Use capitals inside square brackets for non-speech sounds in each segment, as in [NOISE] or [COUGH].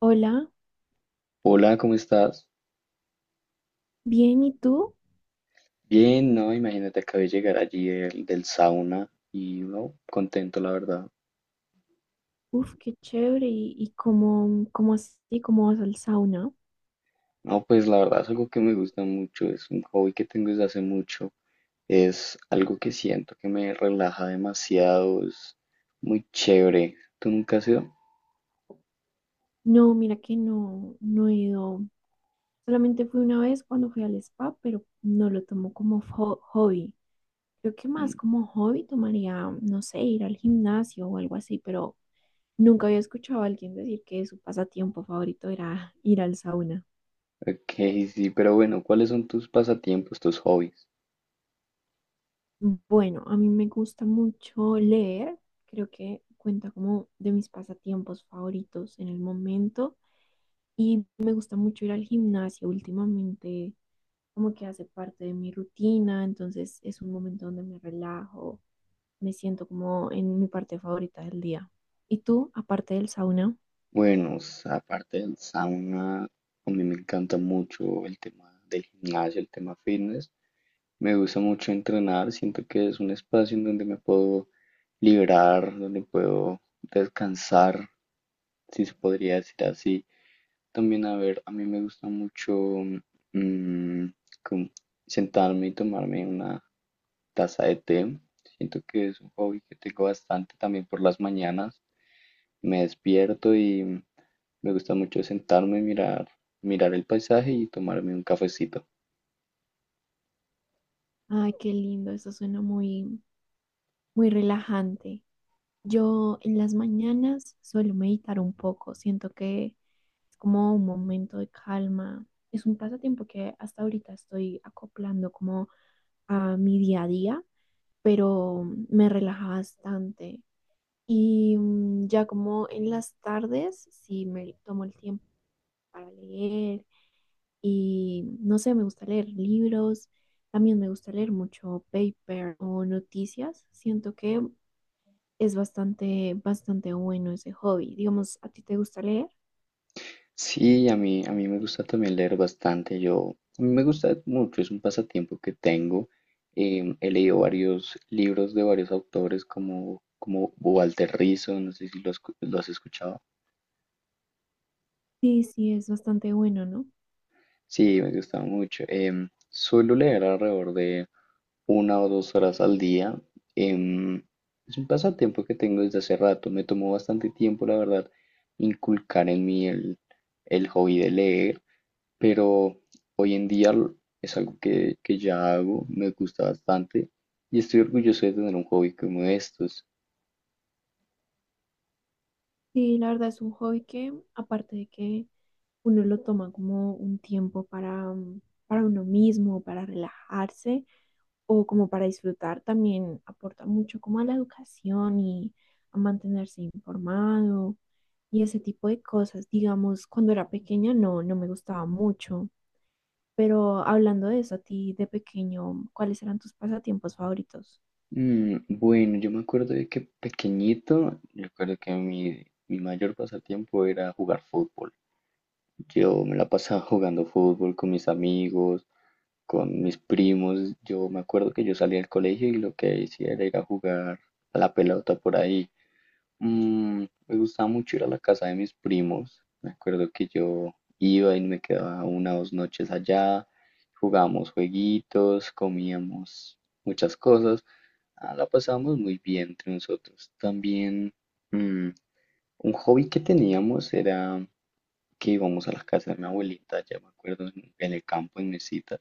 Hola, Hola, ¿cómo estás? bien, ¿y tú? Bien, no, imagínate, acabé de llegar allí del sauna y no, contento, la verdad. Uf, qué chévere. ¿Y cómo, así, cómo vas al sauna? No, pues la verdad es algo que me gusta mucho, es un hobby que tengo desde hace mucho, es algo que siento que me relaja demasiado, es muy chévere. ¿Tú nunca has ido? No, mira que no he ido. Solamente fui una vez cuando fui al spa, pero no lo tomo como hobby. Creo que más Mm. como hobby tomaría, no sé, ir al gimnasio o algo así, pero nunca había escuchado a alguien decir que su pasatiempo favorito era [LAUGHS] ir al sauna. Ok, sí, pero bueno, ¿cuáles son tus pasatiempos, tus hobbies? Bueno, a mí me gusta mucho leer, creo que cuenta como de mis pasatiempos favoritos en el momento y me gusta mucho ir al gimnasio últimamente, como que hace parte de mi rutina, entonces es un momento donde me relajo, me siento como en mi parte favorita del día. ¿Y tú, aparte del sauna? Bueno, s- aparte del sauna, a mí me encanta mucho el tema del gimnasio, el tema fitness. Me gusta mucho entrenar, siento que es un espacio en donde me puedo liberar, donde puedo descansar, si se podría decir así. También, a ver, a mí me gusta mucho mm, como sentarme y tomarme una taza de té. Siento que es un hobby que tengo bastante también por las mañanas. Me despierto y me gusta mucho sentarme, mirar, mirar el paisaje y tomarme un cafecito. Ay, qué lindo, eso suena muy, muy relajante. Yo en las mañanas suelo meditar un poco, siento que es como un momento de calma. Es un pasatiempo que hasta ahorita estoy acoplando como a mi día a día, pero me relaja bastante. Y ya como en las tardes, sí me tomo el tiempo para leer y no sé, me gusta leer libros, también me gusta leer mucho paper o noticias. Siento que es bastante, bastante bueno ese hobby. Digamos, ¿a ti te gusta leer? Sí, a mí me gusta también leer bastante. Yo, a mí me gusta mucho, es un pasatiempo que tengo. He leído varios libros de varios autores como Walter Rizzo, no sé si lo has escuchado. Sí, sí, es bastante bueno, ¿no? Sí, me gusta mucho. Suelo leer alrededor de 1 o 2 horas al día. Em, es un pasatiempo que tengo desde hace rato. Me tomó bastante tiempo, la verdad, inculcar en mí el hobby de leer. Pero hoy en día es algo que ya hago, me gusta bastante y estoy orgulloso de tener un hobby como estos. Sí, la verdad es un hobby que, aparte de que uno lo toma como un tiempo para, para uno mismo, para relajarse o como para disfrutar, también aporta mucho como a la educación y a mantenerse informado y ese tipo de cosas. Digamos, cuando era pequeña no me gustaba mucho. Pero hablando de eso, a ti de pequeño, ¿cuáles eran tus pasatiempos favoritos? Bueno, yo me acuerdo de que pequeñito, yo recuerdo que mi mayor pasatiempo era jugar fútbol. Yo me la pasaba [LAUGHS] jugando fútbol con mis amigos, con mis primos. Yo me acuerdo que yo salía del colegio y lo que hacía era ir a jugar a la pelota por ahí. Me gustaba mucho ir a la casa de mis primos. Me acuerdo que yo iba y me quedaba 1 o 2 noches allá. Jugábamos jueguitos, comíamos muchas cosas. Ah, la pasábamos muy bien entre nosotros. También mm, un hobby que teníamos era que íbamos a la casa de mi abuelita, ya me acuerdo, en el campo en Mesita.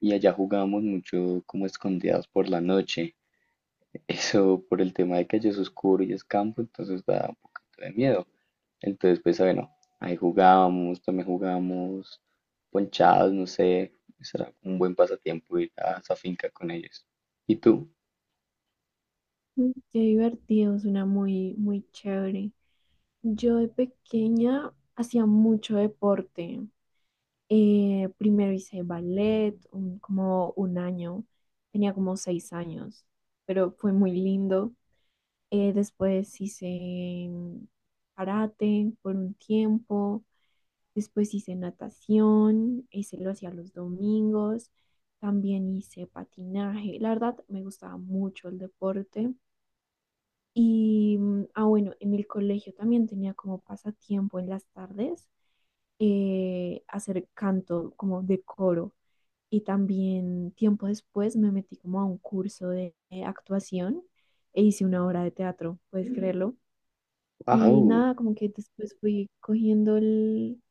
Y allá jugábamos mucho como escondidas por la noche. [LAUGHS] Eso por el tema de que allá es oscuro y es campo, entonces da un poquito de miedo. Entonces, pues bueno, ahí jugábamos, también jugábamos ponchados, no sé, será un buen pasatiempo ir a esa finca con ellos. ¿Y tú? Mm, qué divertido, suena muy, muy chévere. Yo de pequeña hacía mucho deporte. Primero hice ballet, como un año, tenía como 6 años, pero fue muy lindo. Después hice karate por un tiempo. Después hice natación, ese lo hacía los domingos. También hice patinaje. La verdad, me gustaba mucho el deporte. Y ah, bueno, en el colegio también tenía como pasatiempo en las tardes, hacer canto como de coro. Y también tiempo después me metí como a un curso de actuación e hice una obra de teatro, puedes Ujú. Creerlo. Y ¡Wow! nada, como que después fui cogiendo el,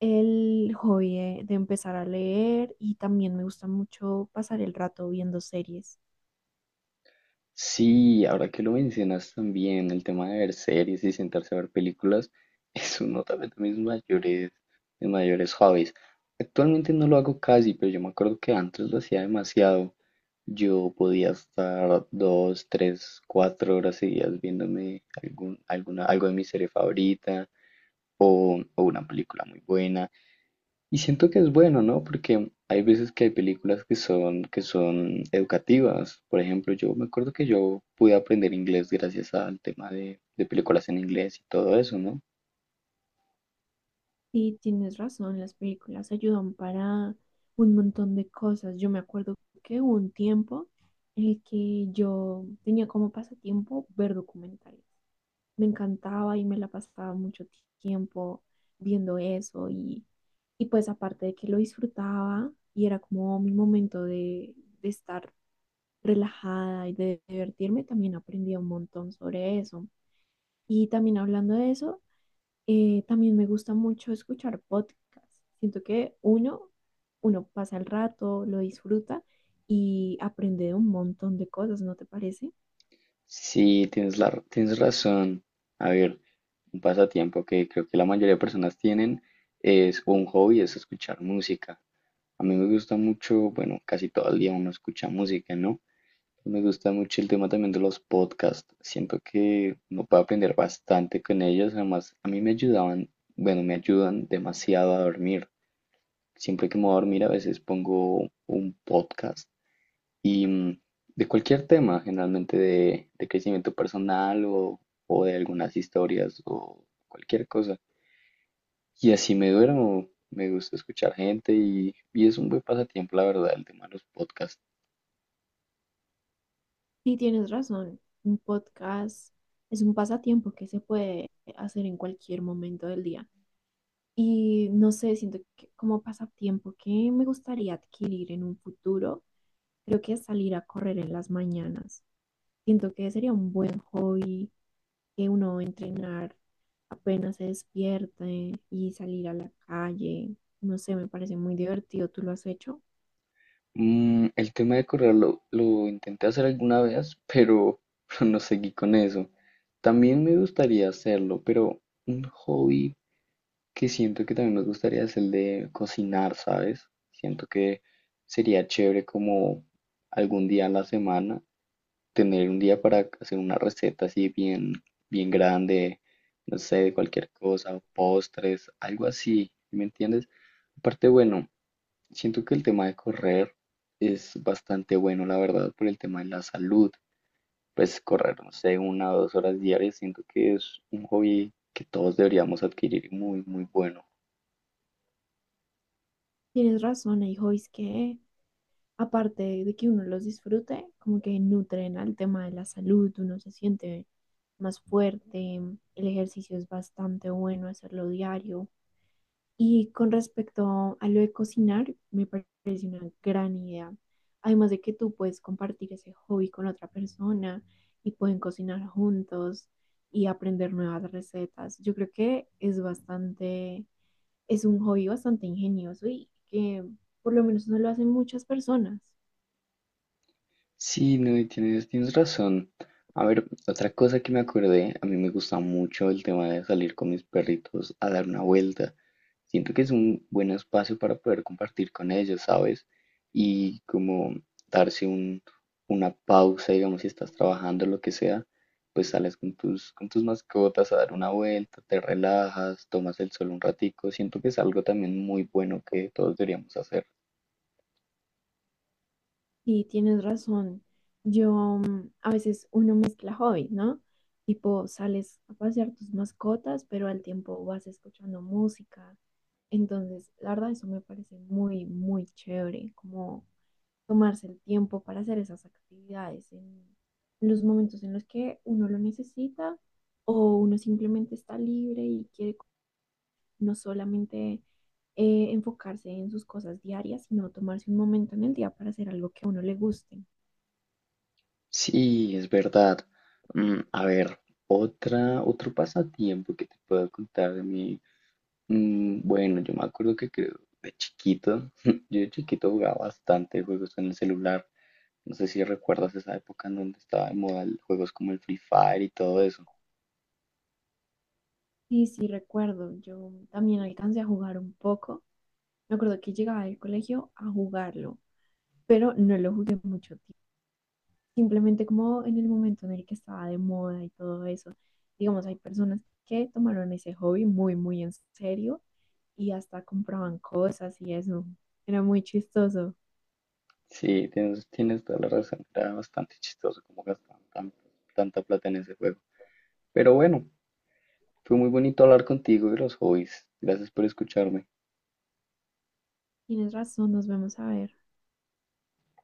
el hobby de empezar a leer y también me gusta mucho pasar el rato viendo series. Sí, ahora que lo mencionas también, el tema de ver series y sentarse a ver películas [LAUGHS] es uno también de mis mayores hobbies. Actualmente no lo hago casi, pero yo me acuerdo que antes lo hacía demasiado. Yo podía estar 2, 3, 4 horas seguidas viéndome algún, alguna, algo de mi serie favorita, o una película muy buena. Y siento que es bueno, ¿no? Porque hay veces que hay películas que son educativas. Por ejemplo, yo me acuerdo que yo pude aprender inglés gracias al tema de películas en inglés y todo eso, ¿no? Sí, tienes razón, las películas ayudan para un montón de cosas. Yo me acuerdo que hubo un tiempo en el que yo tenía como pasatiempo ver documentales. Me encantaba y me la pasaba mucho tiempo viendo eso y pues aparte de que lo disfrutaba y era como mi momento de estar relajada y de divertirme, también aprendí un montón sobre eso. Y también hablando de eso, también me gusta mucho escuchar podcasts. Siento que uno pasa el rato, lo disfruta y aprende de un montón de cosas, ¿no te parece? Sí, tienes tienes razón. A ver, un pasatiempo que creo que la mayoría de personas tienen es o un hobby, es escuchar música. A mí me gusta mucho, bueno, casi todo el día uno escucha música, ¿no? Me gusta mucho el tema también de los podcasts. Siento que uno puede aprender bastante con ellos. Además, a mí me ayudaban, bueno, me ayudan demasiado a dormir. Siempre que me voy a dormir, a veces pongo un podcast y de cualquier tema, generalmente de crecimiento personal o de algunas historias o cualquier cosa. Y así me duermo. Me gusta escuchar gente y es un buen pasatiempo, la verdad, el tema de los podcasts. Sí, tienes razón. Un podcast es un pasatiempo que se puede hacer en cualquier momento del día. Y no sé, siento que como pasatiempo que me gustaría adquirir en un futuro, creo que salir a correr en las mañanas. Siento que sería un buen hobby que uno va a entrenar apenas se despierte y salir a la calle. No sé, me parece muy divertido. ¿Tú lo has hecho? El tema de correr lo intenté hacer alguna vez, pero, [LAUGHS] pero no seguí con eso. También me gustaría hacerlo, pero un hobby que siento que también me gustaría es el de cocinar, ¿sabes? Siento que sería chévere como algún día a la semana tener un día para hacer una receta así bien, bien grande, no sé, de cualquier cosa, postres, algo así, ¿me entiendes? Aparte, bueno. Siento que el tema de correr es bastante bueno, la verdad, por el tema de la salud. Pues correr, no sé, 1 o 2 horas diarias, siento que es un hobby que todos deberíamos adquirir muy, muy bueno. Tienes razón, hay hobbies que aparte de que uno los disfrute, como que nutren al tema de la salud, uno se siente más fuerte, el ejercicio es bastante bueno hacerlo diario. Y con respecto a lo de cocinar, me parece una gran idea. Además de que tú puedes compartir ese hobby con otra persona y pueden cocinar juntos y aprender nuevas recetas. Yo creo que es un hobby bastante ingenioso y que por lo menos no lo hacen muchas personas. Sí, no, y tienes razón. A ver, otra cosa que me acordé, a mí me gusta mucho el tema de salir con mis perritos a dar una vuelta. Siento que es un buen espacio para poder compartir con ellos, ¿sabes? Y como darse un, una pausa, digamos, si estás trabajando, lo que sea, pues sales con tus, mascotas a dar una vuelta, te relajas, tomas el sol un ratico. Siento que es algo también muy bueno que todos deberíamos hacer. Sí, tienes razón. Yo a veces uno mezcla hobbies, ¿no? Tipo, sales a pasear tus mascotas, pero al tiempo vas escuchando música. Entonces, la verdad, eso me parece muy, muy chévere, como tomarse el tiempo para hacer esas actividades en los momentos en los que uno lo necesita o uno simplemente está libre y quiere no solamente, enfocarse en sus cosas diarias, sino tomarse un momento en el día para hacer algo que a uno le guste. Sí, es verdad. A ver, otra, otro pasatiempo que te puedo contar de mí. Bueno, yo me acuerdo que creo de chiquito, [LAUGHS] yo de chiquito jugaba bastante juegos en el celular. No sé si recuerdas esa época en donde estaba de moda juegos como el Free Fire y todo eso. Sí, sí, recuerdo. Yo también alcancé a jugar un poco. Me acuerdo que llegaba del colegio a jugarlo, pero no lo jugué mucho tiempo. Simplemente como en el momento en el que estaba de moda y todo eso. Digamos, hay personas que tomaron ese hobby muy, muy en serio y hasta compraban cosas y eso. Era muy chistoso. Sí, tienes toda la razón. Era bastante chistoso cómo gastaban tanta plata en ese juego. Pero bueno, fue muy bonito hablar contigo de los hobbies. Gracias por escucharme. Tienes razón, nos vemos a ver.